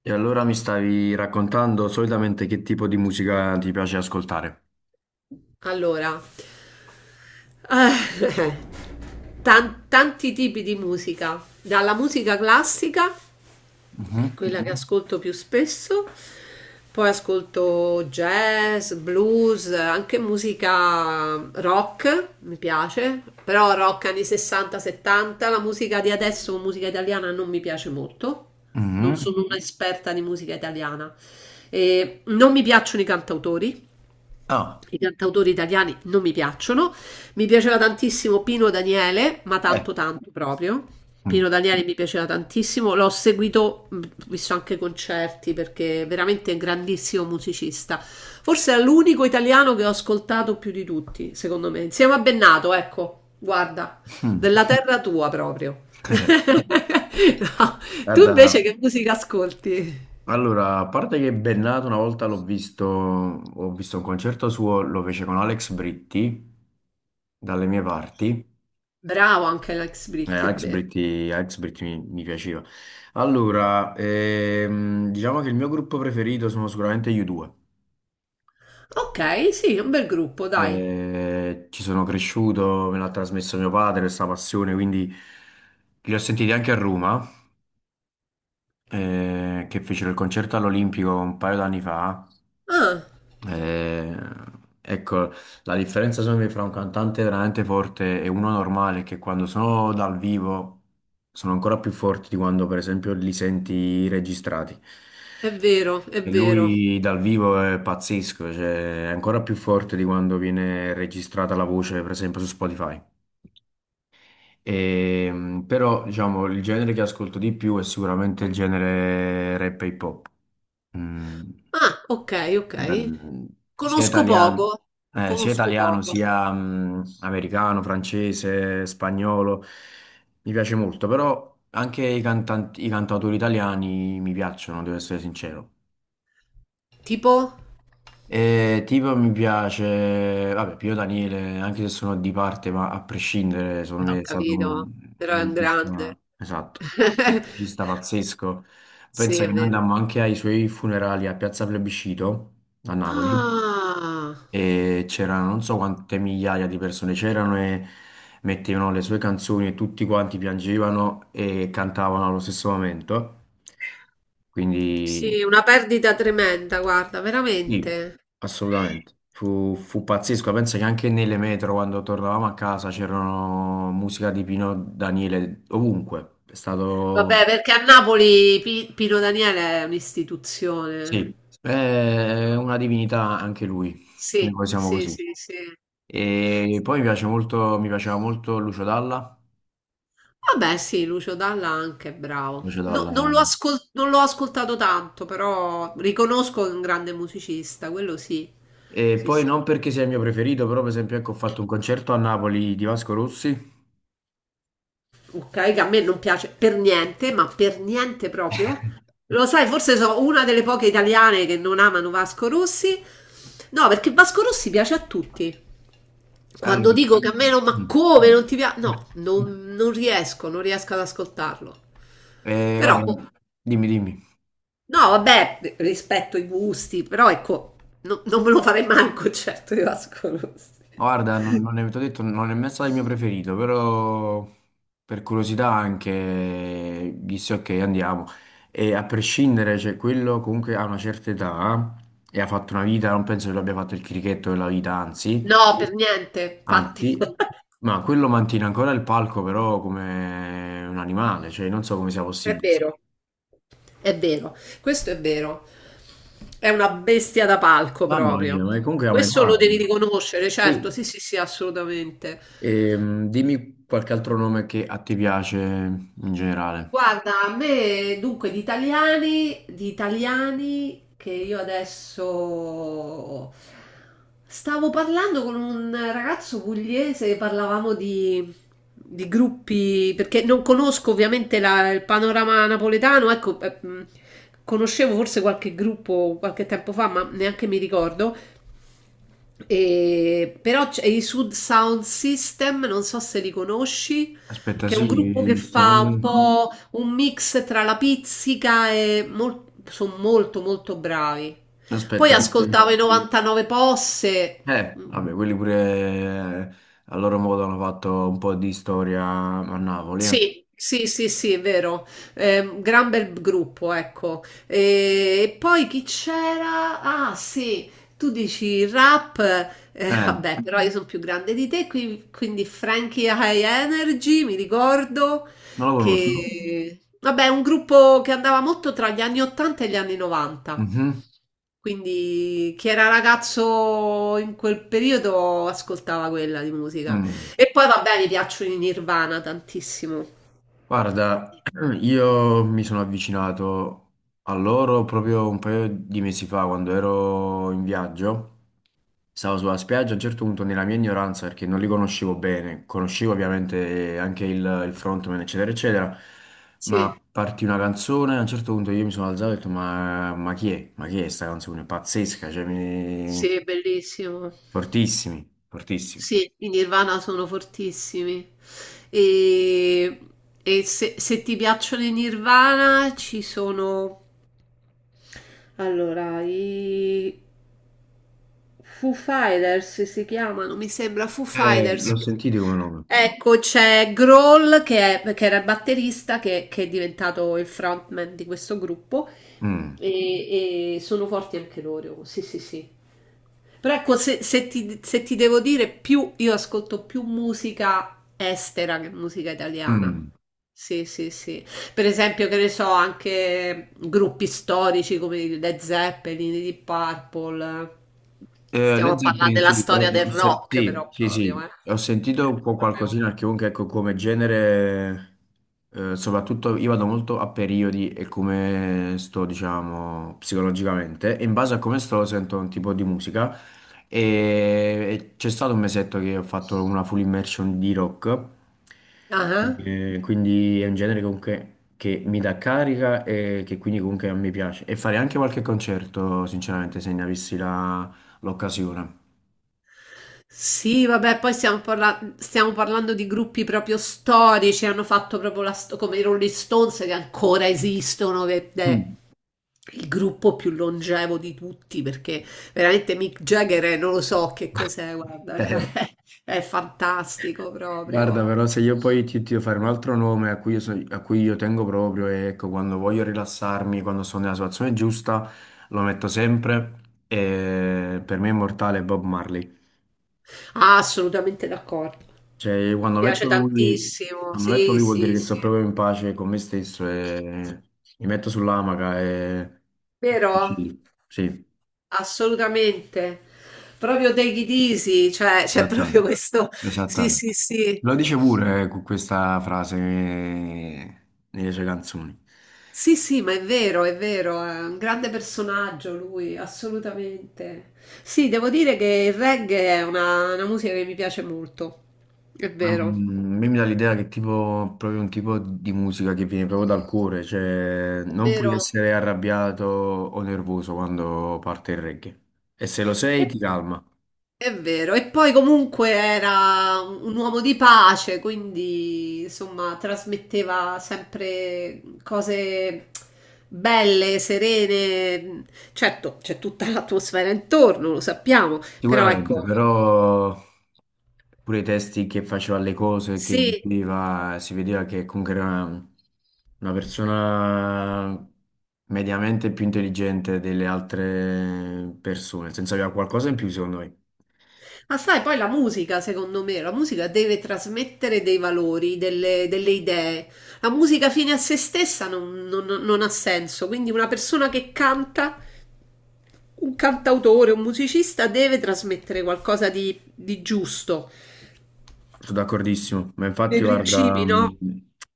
E allora mi stavi raccontando solitamente che tipo di musica ti piace ascoltare? Allora, eh, tanti tipi di musica, dalla musica classica, che è Mhm, quella che Mhm. ascolto più spesso, poi ascolto jazz, blues, anche musica rock, mi piace, però rock anni 60-70, la musica di adesso, musica italiana, non mi piace molto, non mhm. sono un'esperta di musica italiana. E non mi piacciono i cantautori. Ah, I cantautori italiani non mi piacciono. Mi piaceva tantissimo Pino Daniele, ma eh, tanto tanto proprio. mhm. Pino Daniele mi piaceva tantissimo, l'ho seguito, visto anche concerti perché veramente è un grandissimo musicista. Forse è l'unico italiano che ho ascoltato più di tutti, secondo me. Insieme a Bennato, ecco, guarda, della terra tua proprio. No. Tu Guarda, invece che musica ascolti? allora, a parte che Bennato una volta l'ho visto, ho visto un concerto suo, lo fece con Alex Britti, dalle mie parti. Bravo anche Alex Britti, è Alex vero. Britti, Alex Britti mi piaceva. Allora, diciamo che il mio gruppo preferito sono sicuramente gli U2. Ok, sì, un bel gruppo, dai. Ci sono cresciuto, me l'ha trasmesso mio padre questa passione, quindi li ho sentiti anche a Roma, che fecero il concerto all'Olimpico un paio d'anni fa. Ah, Eh, ecco, la differenza secondo me fra un cantante veramente forte e uno normale è che quando sono dal vivo sono ancora più forti di quando per esempio li senti registrati. è vero, è E vero. lui dal vivo è pazzesco, cioè è ancora più forte di quando viene registrata la voce, per esempio su Spotify. Però, diciamo, il genere che ascolto di più è sicuramente il genere rap e hip hop. Mm, Ah, ok, ok. da- mm, sia Conosco italiano, poco, sia conosco italiano, poco. sia americano, francese, spagnolo. Mi piace molto, però anche i cantautori italiani mi piacciono, devo essere sincero. Tipo? Tipo mi piace, vabbè, Pio Daniele, anche se sono di parte, ma a prescindere, secondo Ho me è stato capito, però un è un musicista, grande. esatto, un musicista pazzesco. Sì, Pensa è che noi vero. andammo anche ai suoi funerali a Piazza Plebiscito a Napoli Ah, e c'erano non so quante migliaia di persone c'erano e mettevano le sue canzoni e tutti quanti piangevano e cantavano allo stesso momento. Quindi sì, una perdita tremenda, guarda, sì, veramente. assolutamente. Fu pazzesco. Penso che anche nelle metro, quando tornavamo a casa, c'erano musica di Pino Daniele ovunque. È stato, Vabbè, perché a Napoli Pino Daniele è un'istituzione. sì, è una divinità anche lui. Sì, Noi siamo sì, così. sì, sì. E poi mi piace molto, mi piaceva molto Lucio Dalla. Vabbè, sì, Lucio Dalla anche è bravo. Lucio Dalla. Non non l'ho ascoltato tanto, però riconosco che è un grande musicista, quello sì. E Sì, poi sì. non perché sia il mio preferito, però per esempio ecco, ho fatto un concerto a Napoli di Vasco Rossi. Ok, che a me non piace per niente, ma per niente proprio. Lo sai, forse sono una delle poche italiane che non amano Vasco Rossi. No, perché Vasco Rossi piace a tutti. Quando Allora, dico che a me non, ma mm. come non ti piace? No, non riesco, non riesco ad ascoltarlo. Però, Guarda, dimmi, dimmi. no, vabbè, rispetto i gusti, però ecco, non me lo farei mai un concerto di Vasco Rossi. Guarda, non, non è, t'ho detto, non è mai stato il mio preferito, però per curiosità anche disse ok, andiamo. E a prescindere, cioè, quello comunque ha una certa età e ha fatto una vita, non penso che l'abbia fatto il crichetto della vita, anzi, No, per niente, infatti, anzi, ma quello mantiene ancora il palco però come un animale, cioè non so come sia è possibile. vero, è vero, questo è vero. È una bestia da palco Mamma proprio. mia, ma comunque ha Questo un'età. lo devi riconoscere, certo, Sì, sì, sì, sì, assolutamente. Dimmi qualche altro nome che a te piace in generale. Guarda, a me dunque di italiani che io adesso stavo parlando con un ragazzo pugliese, parlavamo di gruppi, perché non conosco ovviamente il panorama napoletano, ecco, conoscevo forse qualche gruppo qualche tempo fa, ma neanche mi ricordo. Però c'è i Sud Sound System, non so se li conosci, Aspetta, che è un gruppo sì, che sto fa un nome... po' un mix tra la pizzica e sono molto molto bravi. Poi Aspetta, ascoltavo i 99 Posse, vabbè, quelli pure eh, a loro modo hanno fatto un po' di storia a Napoli. Sì, sì, sì, sì, è vero. Gran bel gruppo, ecco. E poi chi c'era? Ah, sì, tu dici rap, Eh, vabbè, però io sono più grande di te, quindi Frankie High Energy, mi ricordo non lo conosco. che, vabbè, è un gruppo che andava molto tra gli anni 80 e gli anni 90. Mhm. Quindi chi era ragazzo in quel periodo ascoltava quella di musica. Mm. E poi vabbè, mi piacciono i Nirvana tantissimo. Guarda, io mi sono avvicinato a loro proprio un paio di mesi fa quando ero in viaggio. Stavo sulla spiaggia, a un certo punto nella mia ignoranza, perché non li conoscevo bene, conoscevo ovviamente anche il frontman, eccetera, eccetera, Sì, ma partì una canzone, a un certo punto io mi sono alzato e ho detto, ma chi è? Ma chi è sta canzone? È pazzesca, cioè mi... sì, bellissimo. Fortissimi, fortissimi. Sì, i Nirvana sono fortissimi. E, Se ti piacciono i Nirvana ci sono... Allora, i Foo Fighters si chiamano, mi sembra Foo Fighters. L'ho sentito come nome. Ecco, c'è Grohl che era il batterista, che è diventato il frontman di questo gruppo Mm, e sono forti anche loro, sì, sì, sì. Però ecco, se ti devo dire, più io ascolto più musica estera che musica italiana. mm. Sì, sì, sì. Per esempio, che ne so, anche gruppi storici come i Led Zeppelin, i Deep Purple. Stiamo Led a parlare Zeppelin, della sì, ho- storia del ho se- rock, sì, però sì, proprio, eh. sì, ho sentito un po' proprio. qualcosina, perché comunque ecco, come genere, soprattutto io vado molto a periodi e come sto, diciamo, psicologicamente, e in base a come sto sento un tipo di musica. E, e c'è stato un mesetto che ho fatto una full immersion di rock, Ah, quindi è un genere comunque che mi dà carica e che quindi comunque a me piace. E fare anche qualche concerto, sinceramente, se ne avessi la l'occasione. sì, vabbè, poi stiamo parlando di gruppi proprio storici, hanno fatto proprio come i Rolling Stones che ancora esistono, che è Mm. il gruppo più longevo di tutti, perché veramente Mick Jagger non lo so che cos'è, guarda, cioè, Eh, è fantastico guarda, proprio. però se io poi ti devo fare un altro nome a cui a cui io tengo proprio, e ecco, quando voglio rilassarmi, quando sono nella situazione giusta, lo metto sempre e per me è immortale Bob Marley. Ah, assolutamente d'accordo. Mi Cioè, piace tantissimo, quando metto sì, lui vuol sì, dire che sì. sto proprio in pace con me stesso e mi metto sull'amaca e... Vero? Sì, sì. Assolutamente. Proprio take it easy, cioè c'è proprio Esattamente, questo sì, sì, esattamente. sì. Lo dice pure con questa frase nelle sue canzoni. Sì, sì, ma è vero, è vero, è un grande personaggio lui, assolutamente. Sì, devo dire che il reggae è una musica che mi piace molto, è Ma, vero, mm, a me mi dà l'idea che tipo, proprio un tipo di musica che viene proprio dal cuore, cioè è non puoi vero. essere arrabbiato o nervoso quando parte il reggae. E se lo sei ti calma, È vero, e poi comunque era un uomo di pace, quindi insomma trasmetteva sempre cose belle, serene. Certo, c'è tutta l'atmosfera intorno, lo sappiamo, però sicuramente, ecco, però pure i testi che faceva le cose, che sì. diceva, si vedeva che comunque era una persona mediamente più intelligente delle altre persone, nel senso aveva qualcosa in più secondo me. Ma sai, poi la musica, secondo me, la musica deve trasmettere dei valori, delle idee. La musica fine a se stessa non ha senso, quindi una persona che canta un cantautore, un musicista deve trasmettere qualcosa di giusto, Sono d'accordissimo, ma infatti dei eh, guarda, principi, no?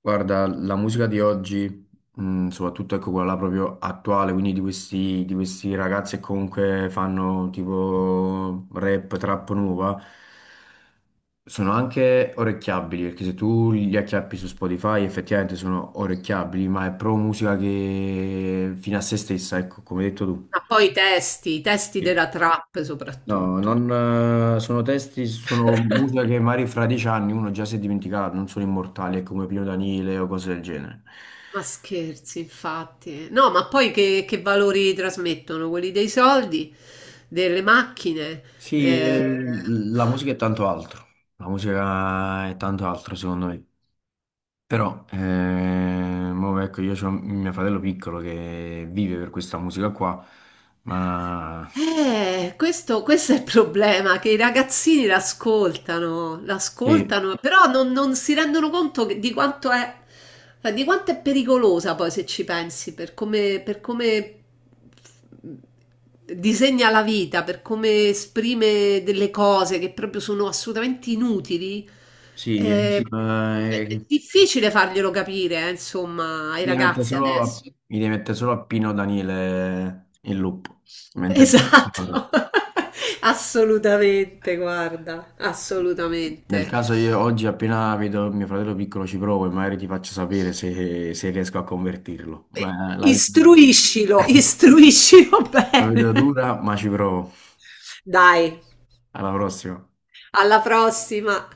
guarda, la musica di oggi, soprattutto ecco quella là proprio attuale, quindi di questi ragazzi che comunque fanno tipo rap, trap nuova, sono anche orecchiabili, perché se tu li acchiappi su Spotify effettivamente sono orecchiabili, ma è proprio musica che fino a se stessa, ecco, come hai detto tu. Ma poi i testi Sì. della trap No, soprattutto. non, sono testi, sono musica che magari fra 10 anni uno già si è dimenticato, non sono immortali, è come Pino Danile o cose del genere. Ma scherzi, infatti. No, ma poi che valori trasmettono? Quelli dei soldi, delle macchine. Sì, eh, la musica è tanto altro, la musica è tanto altro secondo me. Però, mo ecco, io ho mio fratello piccolo che vive per questa musica qua, ma Eh, questo è il problema, che i ragazzini l'ascoltano, sì, l'ascoltano, però non si rendono conto di quanto è, cioè, di quanto è pericolosa poi se ci pensi, per come disegna la vita, per come esprime delle cose che proprio sono assolutamente inutili. sì, Sì. È mi difficile farglielo capire, insomma, ai ragazzi adesso. Mi devi mettere solo a Pino Danile in loop, mentre... Esatto, assolutamente, guarda, Nel assolutamente. caso io oggi appena vedo mio fratello piccolo ci provo e magari ti faccio sapere se, se riesco a convertirlo. E Ma la vedo dura. istruiscilo, istruiscilo La bene. vedo dura, ma ci provo. Dai, Alla prossima. alla prossima.